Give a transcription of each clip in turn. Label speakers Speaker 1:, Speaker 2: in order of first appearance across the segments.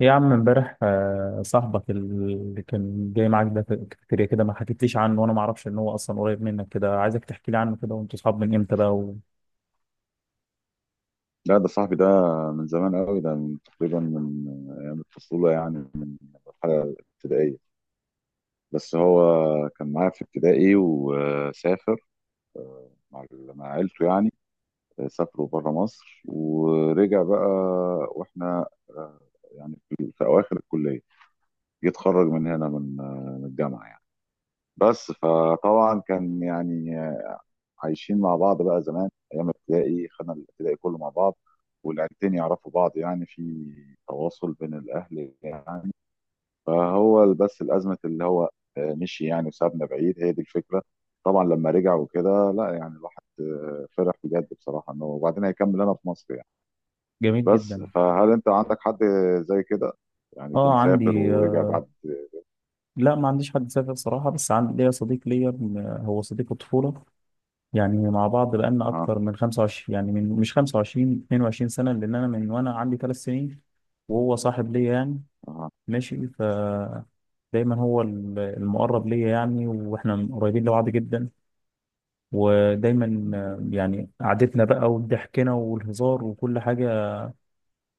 Speaker 1: إيه يا عم امبارح صاحبك اللي كان جاي معاك ده في الكافيتيريا كده ما حكيتليش عنه وانا ما اعرفش ان هو اصلا قريب منك كده عايزك تحكي لي عنه كده وانتوا صحاب من امتى بقى
Speaker 2: لا، ده صاحبي ده من زمان قوي، ده من تقريبا من ايام الطفوله، يعني من مرحله ابتدائيه. بس هو كان معايا في ابتدائي وسافر مع مع عيلته، يعني سافروا بره مصر ورجع بقى. واحنا يعني في اواخر الكليه يتخرج من هنا، من من الجامعه يعني. بس فطبعا كان يعني عايشين مع بعض بقى زمان، ايام ابتدائي خدنا الابتدائي كله مع بعض، والعيلتين يعرفوا بعض، يعني في تواصل بين الاهل يعني. فهو بس الازمه اللي هو مشي يعني وسابنا بعيد، هي دي الفكره. طبعا لما رجع وكده، لا يعني الواحد فرح بجد بصراحه انه وبعدين هيكمل هنا في مصر يعني.
Speaker 1: وجميل
Speaker 2: بس
Speaker 1: جدا.
Speaker 2: فهل انت عندك حد زي كده، يعني يكون
Speaker 1: اه
Speaker 2: سافر
Speaker 1: عندي
Speaker 2: ورجع بعد؟
Speaker 1: لا ما عنديش حد سافر صراحة بس عندي ليا صديق ليا، هو صديق الطفولة، يعني مع بعض بقالنا
Speaker 2: اها.
Speaker 1: اكتر من 25، يعني مش 25، 22 سنة، لان انا من وانا عندي 3 سنين وهو صاحب ليا يعني.
Speaker 2: اها.
Speaker 1: ماشي ف دايما هو المقرب ليا يعني، واحنا قريبين لبعض جدا ودايما،
Speaker 2: مهم.
Speaker 1: يعني قعدتنا بقى وضحكنا والهزار وكل حاجة،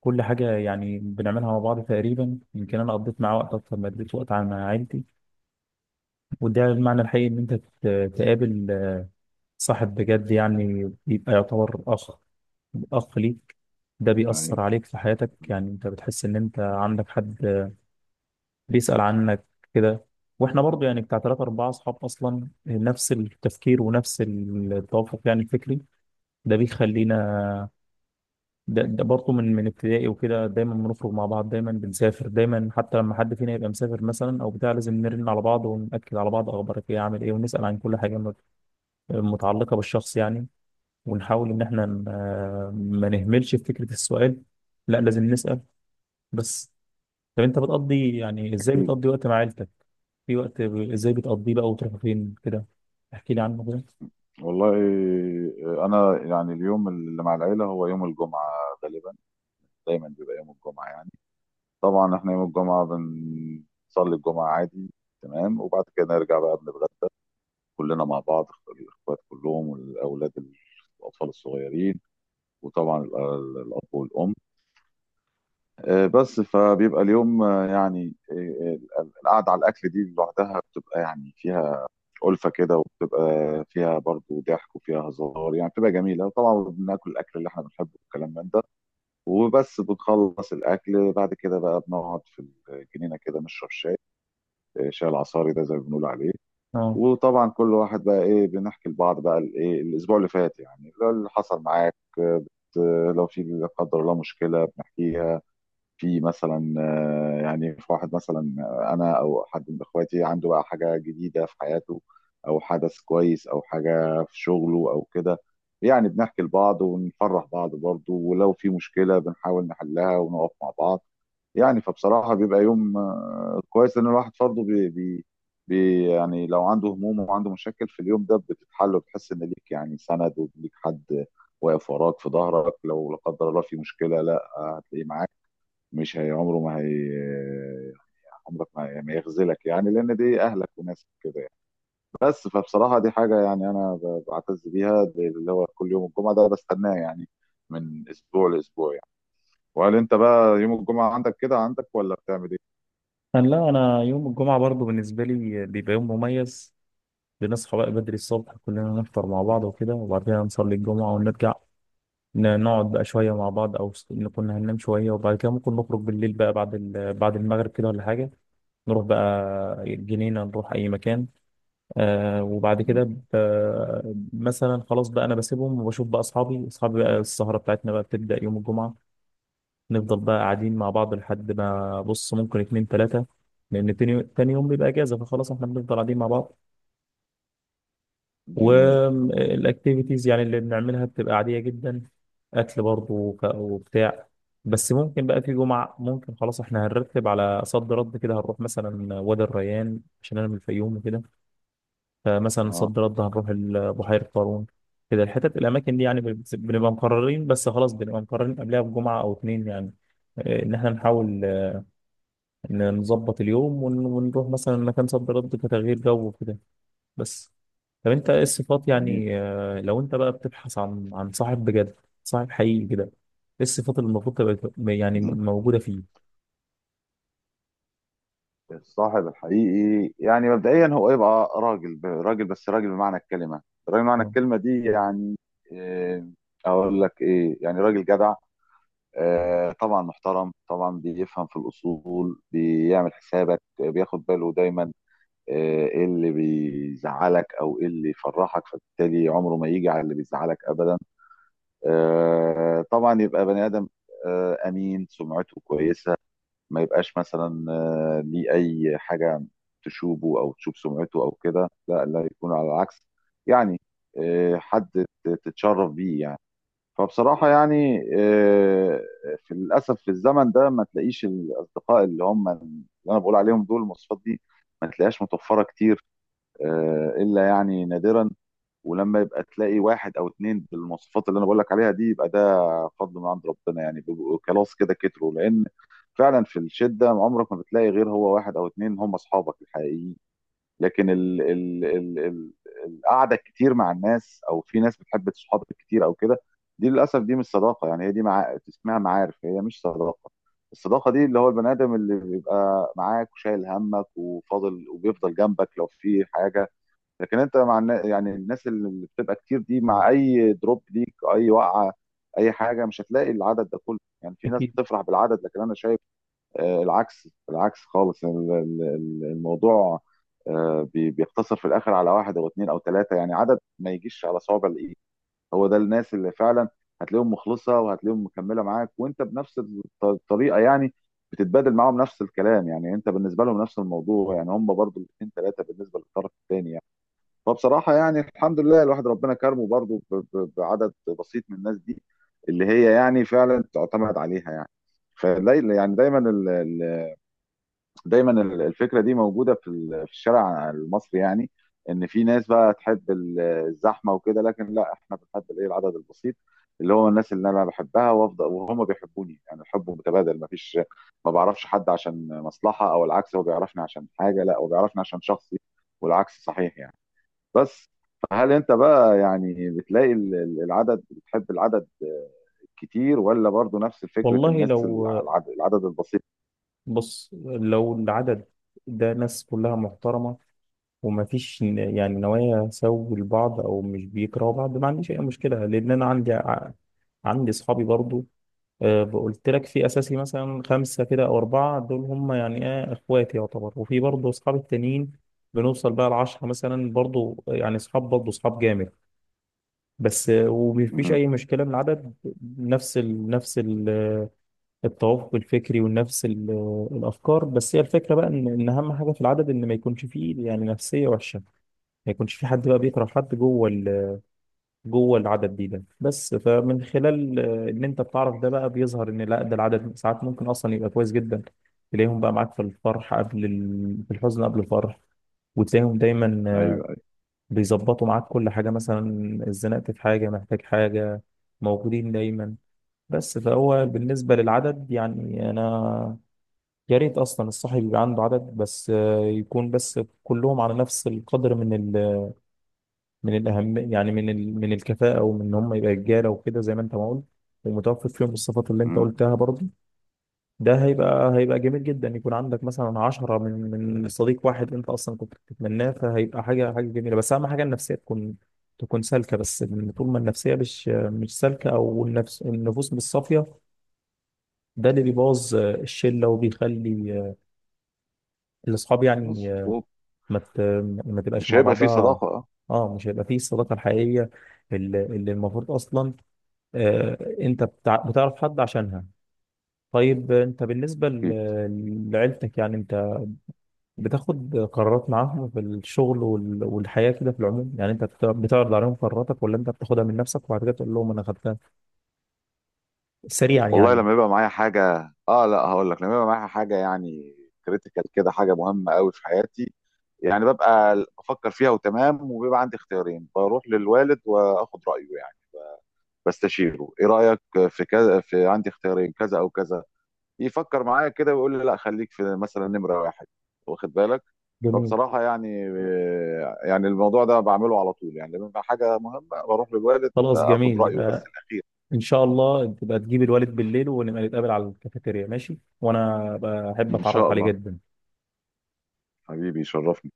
Speaker 1: كل حاجة يعني بنعملها مع بعض تقريبا. يمكن أنا قضيت معاه وقت أكتر ما قضيت وقت مع عيلتي، وده المعنى الحقيقي إن أنت تقابل صاحب بجد، يعني بيبقى يعتبر أخ، أخ ليك. ده بيأثر
Speaker 2: يعني
Speaker 1: عليك في حياتك، يعني أنت بتحس إن أنت عندك حد بيسأل عنك كده. واحنا برضو يعني بتاع 3 4 أصحاب أصلا نفس التفكير ونفس التوافق يعني الفكري، ده بيخلينا ده برضه من ابتدائي وكده، دايما بنخرج مع بعض، دايما بنسافر، دايما حتى لما حد فينا يبقى مسافر مثلا او بتاع لازم نرن على بعض ونأكد على بعض، اخبارك ايه، عامل ايه، ونسأل عن كل حاجه متعلقه بالشخص يعني، ونحاول ان احنا ما نهملش في فكره السؤال، لا لازم نسأل. بس طب انت بتقضي يعني ازاي
Speaker 2: اكيد.
Speaker 1: بتقضي وقت مع عيلتك، في وقت ازاي بتقضيه بقى وتروح فين كده، احكي لي عنه كده.
Speaker 2: والله، انا يعني اليوم اللي مع العيله هو يوم الجمعه غالبا، دايما بيبقى يوم الجمعه يعني. طبعا احنا يوم الجمعه بنصلي الجمعه عادي تمام، وبعد كده نرجع بقى بنتغدى كلنا مع بعض، الاخوات كلهم والاولاد، الاطفال الصغيرين، وطبعا الاب والام. بس فبيبقى اليوم القعده على الاكل دي لوحدها بتبقى يعني فيها ألفة كده، وبتبقى فيها برضو ضحك وفيها هزار، يعني بتبقى جميلة. طبعا بناكل الأكل اللي احنا بنحبه، والكلام من ده. وبس بنخلص الأكل بعد كده بقى بنقعد في الجنينة كده نشرب شاي، شاي العصاري ده زي ما بنقول عليه.
Speaker 1: اه
Speaker 2: وطبعا كل واحد بقى إيه بنحكي لبعض بقى الإيه الأسبوع اللي فات، يعني اللي حصل معاك، لو في لا قدر الله مشكلة بنحكيها. في مثلا يعني في واحد مثلا، انا او حد من اخواتي عنده بقى حاجه جديده في حياته، او حدث كويس او حاجه في شغله او كده، يعني بنحكي لبعض ونفرح بعض برضه، ولو في مشكله بنحاول نحلها ونقف مع بعض يعني. فبصراحه بيبقى يوم كويس، ان الواحد برضه بي بي بي يعني لو عنده هموم وعنده مشاكل في اليوم ده بتتحل، وبتحس ان ليك يعني سند وليك حد واقف وراك في ظهرك. لو لا قدر الله في مشكله، لا هتلاقيه معاك. مش هي عمره ما هي، عمرك ما يخذلك، يعني لان دي اهلك وناسك كده يعني. بس فبصراحه دي حاجه، يعني انا بعتز بيها، دي اللي هو كل يوم الجمعه ده بستناه يعني، من اسبوع لاسبوع يعني. وهل انت بقى يوم الجمعه عندك كده عندك ولا بتعمل ايه؟
Speaker 1: انا، لا انا يوم الجمعه برضه بالنسبه لي بيبقى يوم مميز. بنصحى بقى بدري الصبح كلنا نفطر مع بعض وكده، وبعدها نصلي الجمعة ونرجع نقعد بقى شوية مع بعض، أو نكون هننام شوية، وبعد كده ممكن نخرج بالليل بقى بعد بعد المغرب كده ولا حاجة، نروح بقى الجنينة، نروح أي مكان. آه وبعد
Speaker 2: مهم.
Speaker 1: كده مثلا خلاص بقى أنا بسيبهم وبشوف بقى أصحابي بقى، السهرة بتاعتنا بقى بتبدأ يوم الجمعة. نفضل بقى قاعدين مع بعض لحد ما بص ممكن اتنين تلاتة، لأن تاني يوم بيبقى إجازة، فخلاص احنا بنفضل قاعدين مع بعض.
Speaker 2: جميل.
Speaker 1: والاكتيفيتيز يعني اللي بنعملها بتبقى عادية جدا، اكل برضه وبتاع. بس ممكن بقى في جمعة ممكن خلاص احنا هنرتب على صد رد كده، هنروح مثلا وادي الريان عشان انا من الفيوم وكده، فمثلا
Speaker 2: اه.
Speaker 1: صد رد هنروح بحيرة قارون كده، الحتت الاماكن دي يعني بنبقى مقررين، بس خلاص بنبقى مقررين قبلها بجمعة او اتنين يعني، ان احنا نحاول، إن نظبط اليوم ونروح مثلا مكان صد رد كتغيير جو وكده. بس طب انت ايه الصفات
Speaker 2: جميل.
Speaker 1: يعني، لو انت بقى بتبحث عن صاحب بجد، صاحب حقيقي كده، ايه الصفات اللي المفروض تبقى يعني
Speaker 2: مهم.
Speaker 1: موجودة فيه؟
Speaker 2: الصاحب الحقيقي، يعني مبدئيا هو يبقى راجل، راجل بس، راجل بمعنى الكلمه، راجل بمعنى
Speaker 1: اه
Speaker 2: الكلمه دي يعني. إيه، اقول لك ايه؟ يعني راجل جدع، طبعا محترم، طبعا بيفهم في الأصول، بيعمل حسابك، بياخد باله دايما، آه، ايه اللي بيزعلك او ايه اللي يفرحك، فبالتالي عمره ما يجي على اللي بيزعلك ابدا. طبعا يبقى بني ادم، امين، سمعته كويسة، ما يبقاش مثلا ليه اي حاجة تشوبه او تشوب سمعته او كده، لا لا، يكون على العكس يعني. حد تتشرف بيه يعني. فبصراحة يعني في للأسف في الزمن ده ما تلاقيش الأصدقاء اللي هم اللي أنا بقول عليهم دول، المواصفات دي ما تلاقيهاش متوفرة كتير، إلا يعني نادرا. ولما يبقى تلاقي واحد أو اتنين بالمواصفات اللي أنا بقول لك عليها دي، يبقى ده فضل من عند ربنا، يعني بيبقوا خلاص كده كتروا. لأن فعلا في الشدة عمرك ما بتلاقي غير هو واحد أو اتنين، هم أصحابك الحقيقيين. لكن ال ال ال ال القعده الكتير مع الناس، او في ناس بتحب صحابك كتير او كده، دي للاسف دي مش صداقه، يعني هي دي اسمها معارف، هي مش صداقه. الصداقه دي اللي هو البني ادم اللي بيبقى معاك وشايل همك وفاضل وبيفضل جنبك لو في حاجه. لكن انت مع يعني الناس اللي بتبقى كتير دي، مع اي دروب ليك، اي وقعه، اي حاجه، مش هتلاقي العدد ده كله. يعني في ناس
Speaker 1: اكيد.
Speaker 2: بتفرح بالعدد، لكن انا شايف العكس، العكس خالص الموضوع. بيقتصر في الاخر على واحد او اتنين او تلاته، يعني عدد ما يجيش على صوابع الايد. هو ده الناس اللي فعلا هتلاقيهم مخلصه وهتلاقيهم مكمله معاك، وانت بنفس الطريقه يعني. بتتبادل معاهم نفس الكلام، يعني انت بالنسبه لهم نفس الموضوع، يعني هم برضو الاثنين ثلاثه بالنسبه للطرف الثاني يعني. فبصراحه يعني الحمد لله الواحد ربنا كرمه برضو بعدد بسيط من الناس دي، اللي هي يعني فعلا تعتمد عليها يعني. فلا يعني دايما الفكره دي موجوده في الشارع المصري، يعني ان في ناس بقى تحب الزحمه وكده، لكن لا احنا بنحب الايه العدد البسيط، اللي هو الناس اللي انا بحبها وافضل وهم بيحبوني، يعني الحب متبادل، ما فيش ما بعرفش حد عشان مصلحه او العكس، هو بيعرفني عشان حاجه، لا هو بيعرفني عشان شخصي، والعكس صحيح يعني. بس فهل انت بقى يعني بتلاقي العدد، بتحب العدد كتير ولا برضو نفس فكره
Speaker 1: والله
Speaker 2: الناس
Speaker 1: لو
Speaker 2: العدد البسيط؟
Speaker 1: بص لو العدد ده ناس كلها محترمة، ومفيش يعني نوايا سوء لبعض او مش بيكرهوا بعض، ما عنديش اي مشكلة، لان انا عندي عندي اصحابي برضو، قلت لك في اساسي مثلا خمسه كده او اربعه، دول هم يعني ايه اخواتي يعتبر. وفي برضه اصحاب التانيين بنوصل بقى لـ 10 مثلا، برضه يعني اصحاب، برضه اصحاب جامد، بس ومفيش
Speaker 2: مهم.
Speaker 1: اي مشكله من العدد، نفس ال التوافق الفكري ونفس ال الافكار. بس هي الفكره بقى ان اهم حاجه في العدد ان ما يكونش فيه يعني نفسيه وحشه، ما يكونش في حد بقى بيكره حد جوه العدد دي، ده بس. فمن خلال، ان انت بتعرف ده بقى، بيظهر ان لا، ده العدد ساعات ممكن اصلا يبقى كويس جدا، تلاقيهم بقى معاك في الفرح قبل ال... في الحزن قبل الفرح، وتلاقيهم دايما،
Speaker 2: ايوه،
Speaker 1: بيظبطوا معاك كل حاجة، مثلا اتزنقت في حاجة، محتاج حاجة، موجودين دايما. بس فهو بالنسبة للعدد يعني أنا يا ريت أصلا الصاحب يبقى عنده عدد، بس يكون بس كلهم على نفس القدر من، من الأهم يعني من ال... من الكفاءة، ومن إن هم يبقى رجالة وكده زي ما أنت ما قلت، ومتوفر فيهم الصفات اللي أنت
Speaker 2: ايوه،
Speaker 1: قلتها برضه. ده هيبقى، هيبقى جميل جدا يكون عندك مثلا عشرة من، من صديق واحد أنت أصلا كنت بتتمناه، فهيبقى حاجة، حاجة جميلة. بس أهم حاجة النفسية تكون، تكون سالكة، بس لأن طول ما النفسية مش سالكة، أو النفوس مش صافية، ده اللي بيبوظ الشلة وبيخلي الأصحاب يعني
Speaker 2: مظبوط.
Speaker 1: ما ت... ما تبقاش
Speaker 2: مش
Speaker 1: مع
Speaker 2: هيبقى فيه
Speaker 1: بعضها،
Speaker 2: صداقة. اه.
Speaker 1: اه مش هيبقى فيه الصداقة الحقيقية اللي المفروض أصلا، انت بتعرف حد عشانها. طيب انت بالنسبة
Speaker 2: اكيد.
Speaker 1: لعيلتك، يعني انت بتاخد قرارات معاهم في الشغل والحياة كده في العموم، يعني انت بتعرض عليهم قراراتك، ولا انت بتاخدها من نفسك وبعد كده تقول لهم انا خدتها سريعا
Speaker 2: والله
Speaker 1: يعني؟
Speaker 2: لما يبقى معايا حاجة، اه، لا هقول لك، لما يبقى معايا حاجة يعني كريتيكال كده، حاجة مهمة قوي في حياتي، يعني ببقى بفكر فيها وتمام، وبيبقى عندي اختيارين، بروح للوالد واخد رأيه يعني، بستشيره ايه رأيك في كذا، في عندي اختيارين كذا او كذا، يفكر معايا كده ويقول لي لا خليك في مثلا نمرة واحد، واخد بالك.
Speaker 1: جميل،
Speaker 2: فبصراحة يعني الموضوع ده بعمله على طول، يعني لما يبقى حاجة مهمة بروح للوالد
Speaker 1: خلاص
Speaker 2: اخد
Speaker 1: جميل.
Speaker 2: رأيه بس
Speaker 1: يبقى
Speaker 2: الأخير.
Speaker 1: ان شاء الله تبقى تجيب الوالد بالليل ونبقى نتقابل على الكافيتيريا ماشي، وانا بحب
Speaker 2: إن شاء
Speaker 1: اتعرف عليه
Speaker 2: الله.
Speaker 1: جدا.
Speaker 2: حبيبي يشرفني.